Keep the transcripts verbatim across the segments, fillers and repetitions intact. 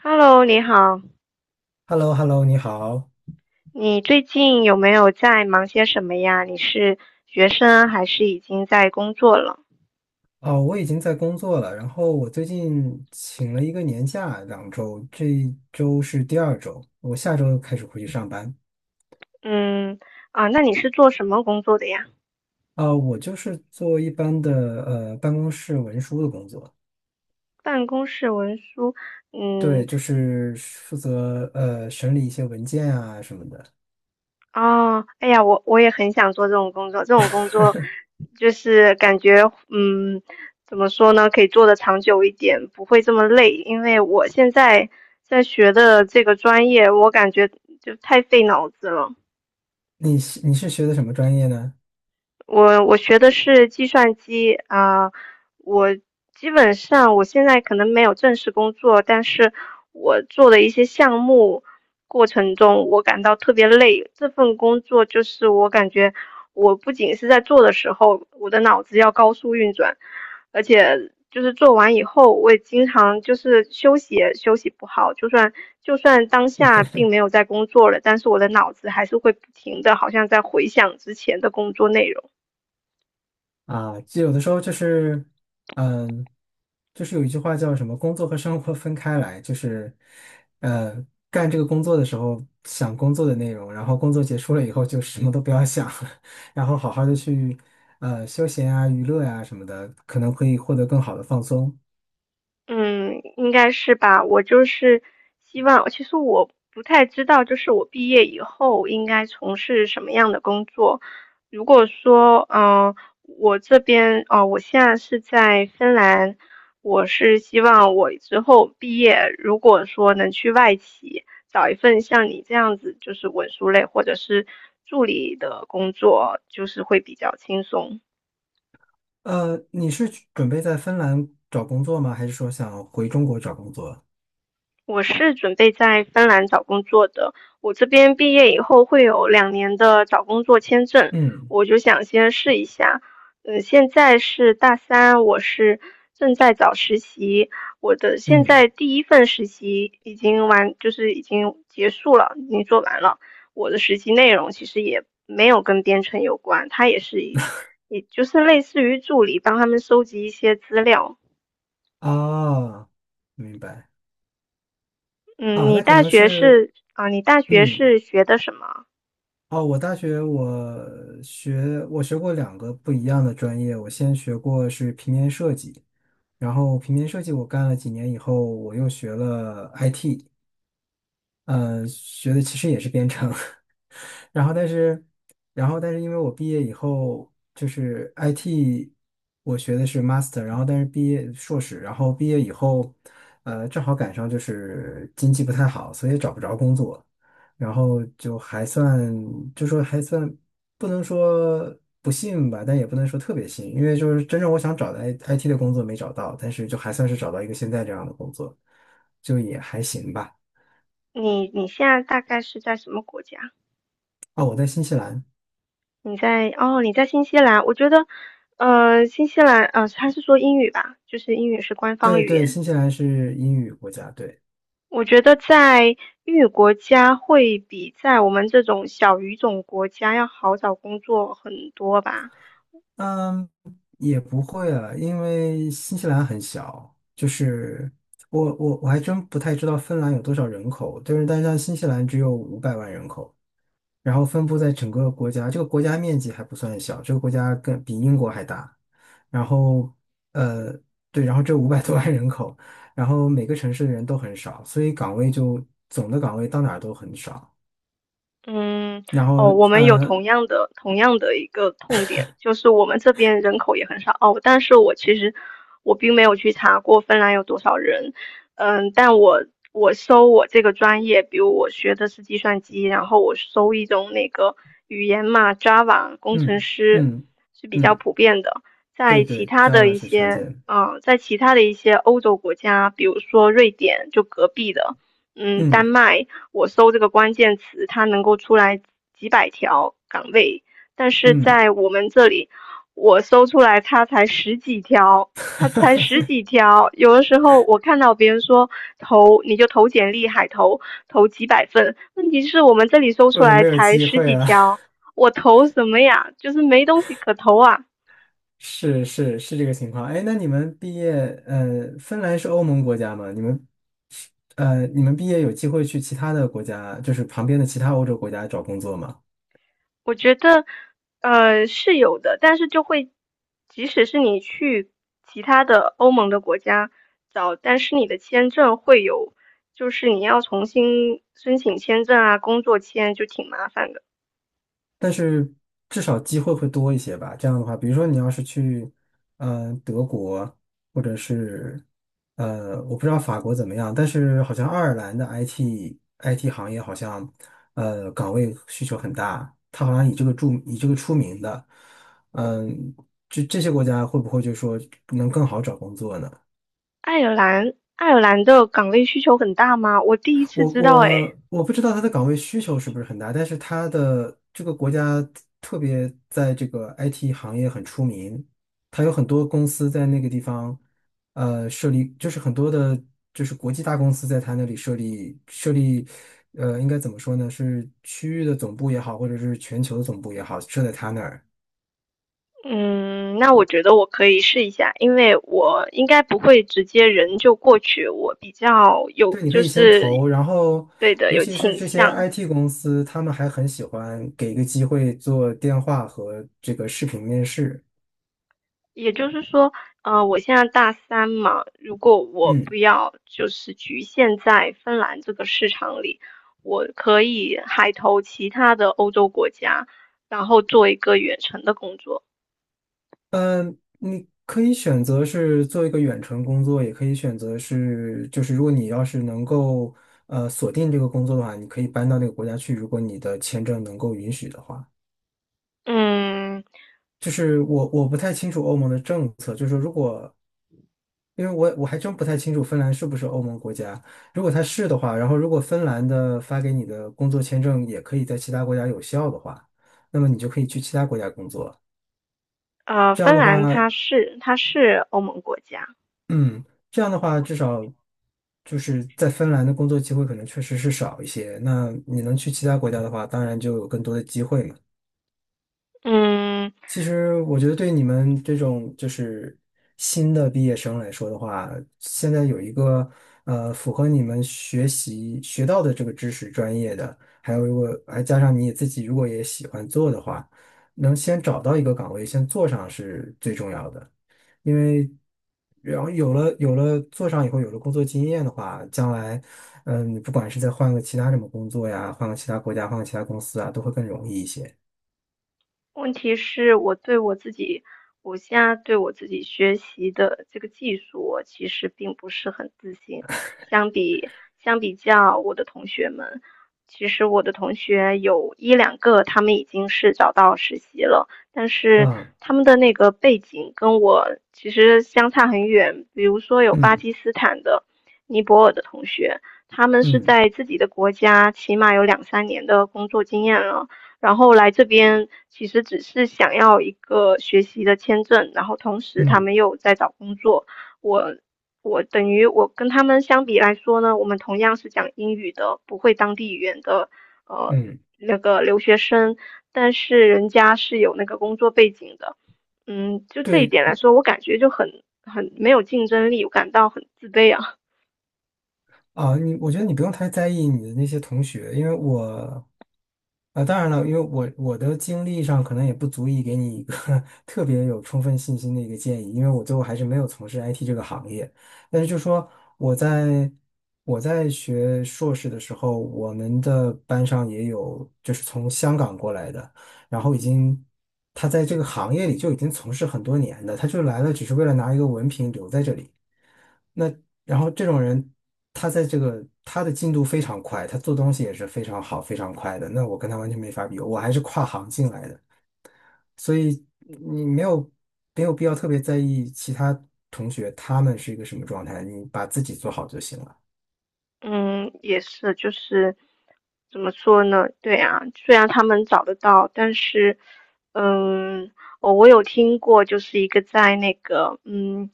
Hello，你好，h e l l o h e l l o 你好。你最近有没有在忙些什么呀？你是学生还是已经在工作了？哦，我已经在工作了，然后我最近请了一个年假，两周，这一周是第二周，我下周开始回去上班。嗯，啊，那你是做什么工作的呀？啊、我就是做一般的呃办公室文书的工作。办公室文书，对，嗯，就是负责呃审理一些文件啊什么的。哦，哎呀，我我也很想做这种工作，这种工作就是感觉，嗯，怎么说呢，可以做得长久一点，不会这么累，因为我现在在学的这个专业，我感觉就太费脑子了。你是你是学的什么专业呢？我我学的是计算机啊，我基本上我现在可能没有正式工作，但是我做的一些项目过程中，我感到特别累。这份工作就是我感觉我不仅是在做的时候，我的脑子要高速运转，而且就是做完以后，我也经常就是休息也休息不好，就算就算当下并没有在工作了，但是我的脑子还是会不停的，好像在回想之前的工作内容。啊，就有的时候就是，嗯，就是有一句话叫什么"工作和生活分开来"，就是，呃，干这个工作的时候想工作的内容，然后工作结束了以后就什么都不要想，然后好好的去，呃，休闲啊、娱乐呀、什么的，可能可以获得更好的放松。嗯，应该是吧。我就是希望，其实我不太知道，就是我毕业以后应该从事什么样的工作。如果说，嗯、我这边，哦、我现在是在芬兰，我是希望我之后毕业，如果说能去外企找一份像你这样子，就是文书类或者是助理的工作，就是会比较轻松。呃，你是去准备在芬兰找工作吗？还是说想回中国找工作？我是准备在芬兰找工作的，我这边毕业以后会有两年的找工作签证，嗯我就想先试一下。嗯，现在是大三，我是正在找实习，我的现在嗯。第一份实习已经完，就是已经结束了，已经做完了。我的实习内容其实也没有跟编程有关，它也是一，也就是类似于助理，帮他们收集一些资料。啊，明白。嗯，啊，你那可大能学是，是啊，你大学嗯。是学的什么？哦，我大学我学我学过两个不一样的专业，我先学过是平面设计，然后平面设计我干了几年以后，我又学了 I T,呃，学的其实也是编程。然后但是，然后但是因为我毕业以后就是 I T,我学的是 master,然后但是毕业硕士，然后毕业以后，呃，正好赶上就是经济不太好，所以找不着工作，然后就还算就说还算，不能说不幸吧，但也不能说特别幸，因为就是真正我想找的 I- IT 的工作没找到，但是就还算是找到一个现在这样的工作，就也还行吧。你你现在大概是在什么国家？哦，我在新西兰。你在哦，你在新西兰。我觉得，呃，新西兰，呃，他是说英语吧，就是英语是官方对语对，言。新西兰是英语国家，对。我觉得在英语国家会比在我们这种小语种国家要好找工作很多吧。嗯，也不会啊，因为新西兰很小，就是我我我还真不太知道芬兰有多少人口，但是但是像新西兰只有五百万人口，然后分布在整个国家，这个国家面积还不算小，这个国家更比英国还大，然后呃对，然后这五百多万人口，然后每个城市的人都很少，所以岗位就总的岗位到哪儿都很少，嗯，然后哦，我们有呃同样的同样的一个痛点，就是我们这边人口也很少哦，但是我其实我并没有去查过芬兰有多少人，嗯，但我我搜我这个专业，比如我学的是计算机，然后我搜一种那个语言嘛，Java 工程嗯师嗯是比较嗯，普遍的，在对其对他的，Java 一是常见些，的。嗯，在其他的一些欧洲国家，比如说瑞典，就隔壁的，嗯，丹嗯。麦。我搜这个关键词，它能够出来几百条岗位，但是嗯。在我们这里，我搜出来它才十几条，它才十 几条。有的时候我看到别人说投，你就投简历，海投，投几百份，问题是我们这里搜出我都来没有才机十会几了。条，我投什么呀？就是没东西可投啊。是是是，这个情况。哎，那你们毕业，呃，芬兰是欧盟国家吗？你们，呃，你们毕业有机会去其他的国家，就是旁边的其他欧洲国家找工作吗？我觉得，呃，是有的，但是就会，即使是你去其他的欧盟的国家找，但是你的签证会有，就是你要重新申请签证啊，工作签就挺麻烦的。但是至少机会会多一些吧。这样的话，比如说你要是去，嗯、德国，或者是，呃，我不知道法国怎么样，但是好像爱尔兰的 I T I T 行业好像，呃，岗位需求很大，它好像以这个著以这个出名的，嗯、这这些国家会不会就说能更好找工作呢？爱尔兰，爱尔兰的岗位需求很大吗？我第一次我知道，诶，我我不知道他的岗位需求是不是很大，但是他的这个国家特别在这个 I T 行业很出名，他有很多公司在那个地方，呃，设立就是很多的，就是国际大公司在他那里设立设立，呃，应该怎么说呢？是区域的总部也好，或者是全球的总部也好，设在他那儿。嗯，那我觉得我可以试一下，因为我应该不会直接人就过去，我比较有，对，你可就以先是，投，然后对的，尤有其是倾这些 向。I T 公司，他们还很喜欢给一个机会做电话和这个视频面试。也就是说，呃，我现在大三嘛，如果我不嗯，要就是局限在芬兰这个市场里，我可以海投其他的欧洲国家，然后做一个远程的工作。呃，你可以选择是做一个远程工作，也可以选择是，就是如果你要是能够呃锁定这个工作的话，你可以搬到那个国家去，如果你的签证能够允许的话。嗯，就是我我不太清楚欧盟的政策，就是说如果，因为我我还真不太清楚芬兰是不是欧盟国家，如果它是的话，然后如果芬兰的发给你的工作签证也可以在其他国家有效的话，那么你就可以去其他国家工作。呃，这样芬的话，兰它是它是欧盟国家，嗯，这样的话，至少就是在芬兰的工作机会可能确实是少一些。那你能去其他国家的话，当然就有更多的机会嘛。嗯，其实我觉得对你们这种就是新的毕业生来说的话，现在有一个呃符合你们学习学到的这个知识专业的，还有如果还加上你自己如果也喜欢做的话，能先找到一个岗位先做上是最重要的，因为，然后有了有了做上以后有了工作经验的话，将来，嗯，你不管是再换个其他什么工作呀，换个其他国家，换个其他公司啊，都会更容易一些问题是我对我自己，我现在对我自己学习的这个技术，我其实并不是很自信。相比相比较我的同学们，其实我的同学有一两个他们已经是找到实习了，但是啊。他们的那个背景跟我其实相差很远。比如说有巴嗯基斯坦的、尼泊尔的同学，他们是嗯。在自己的国家起码有两三年的工作经验了。然后来这边其实只是想要一个学习的签证，然后同时他嗯们又在找工作。我我等于我跟他们相比来说呢，我们同样是讲英语的，不会当地语言的呃嗯，那个留学生，但是人家是有那个工作背景的。嗯，就这一对点来说，我感觉就很很没有竞争力，我感到很自卑啊。啊，你，我觉得你不用太在意你的那些同学，因为我，啊，当然了，因为我我的经历上可能也不足以给你一个 特别有充分信心的一个建议，因为我最后还是没有从事 I T 这个行业。但是就说，我在我在学硕士的时候，我们的班上也有就是从香港过来的，然后已经，他在这个行业里就已经从事很多年的，他就来了只是为了拿一个文凭留在这里。那。然后这种人，他在这个，他的进度非常快，他做东西也是非常好、非常快的。那我跟他完全没法比，我还是跨行进来的，所以你没有没有必要特别在意其他同学他们是一个什么状态，你把自己做好就行了。嗯，也是，就是怎么说呢？对啊，虽然他们找得到，但是，嗯，我我有听过，就是一个在那个嗯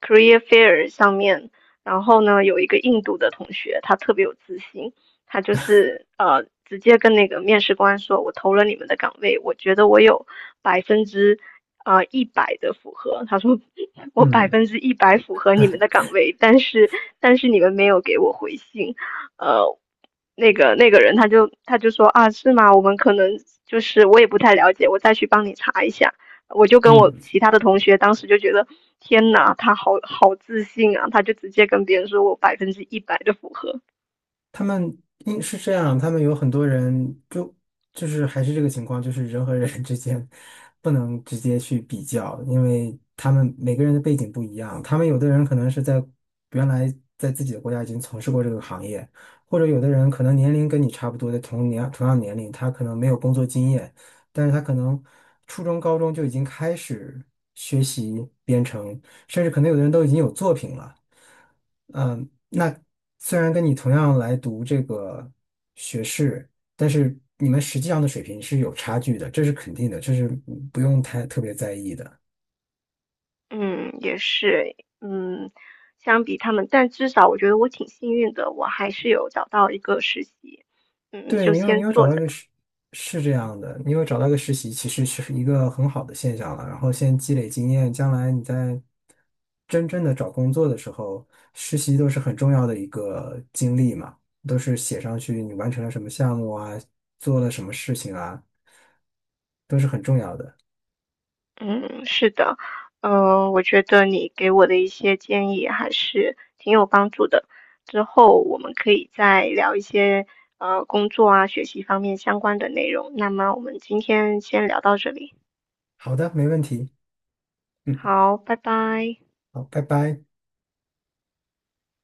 career fair 上面，然后呢，有一个印度的同学，他特别有自信，他就是呃直接跟那个面试官说，我投了你们的岗位，我觉得我有百分之呃一百的符合。他说我百嗯分之一百符合你们的岗位，但是但是你们没有给我回信，呃。那个那个人他就他就说啊是吗？我们可能就是我也不太了解，我再去帮你查一下。我就跟我嗯。其他的同学当时就觉得天呐，他好好自信啊！他就直接跟别人说我百分之一百的符合，他们应是这样，他们有很多人就，就是还是这个情况，就是人和人 之间不能直接去比较，因为他们每个人的背景不一样。他们有的人可能是在原来，在自己的国家已经从事过这个行业，或者有的人可能年龄跟你差不多的同年同样年龄，他可能没有工作经验，但是他可能初中、高中就已经开始学习编程，甚至可能有的人都已经有作品了。嗯，那虽然跟你同样来读这个学士，但是你们实际上的水平是有差距的，这是肯定的，这是不用太特别在意的。嗯，也是，嗯，相比他们，但至少我觉得我挺幸运的，我还是有找到一个实习，嗯，对，就你有先你有找做到一着个吧。实是这样的，你有找到一个实习，其实是一个很好的现象了。然后先积累经验，将来你在真正的找工作的时候，实习都是很重要的一个经历嘛，都是写上去你完成了什么项目啊，做了什么事情啊，都是很重要的。嗯，是的，嗯，我觉得你给我的一些建议还是挺有帮助的，之后我们可以再聊一些呃工作啊、学习方面相关的内容。那么我们今天先聊到这里，好的，没问题。嗯，好，拜拜。好，拜拜。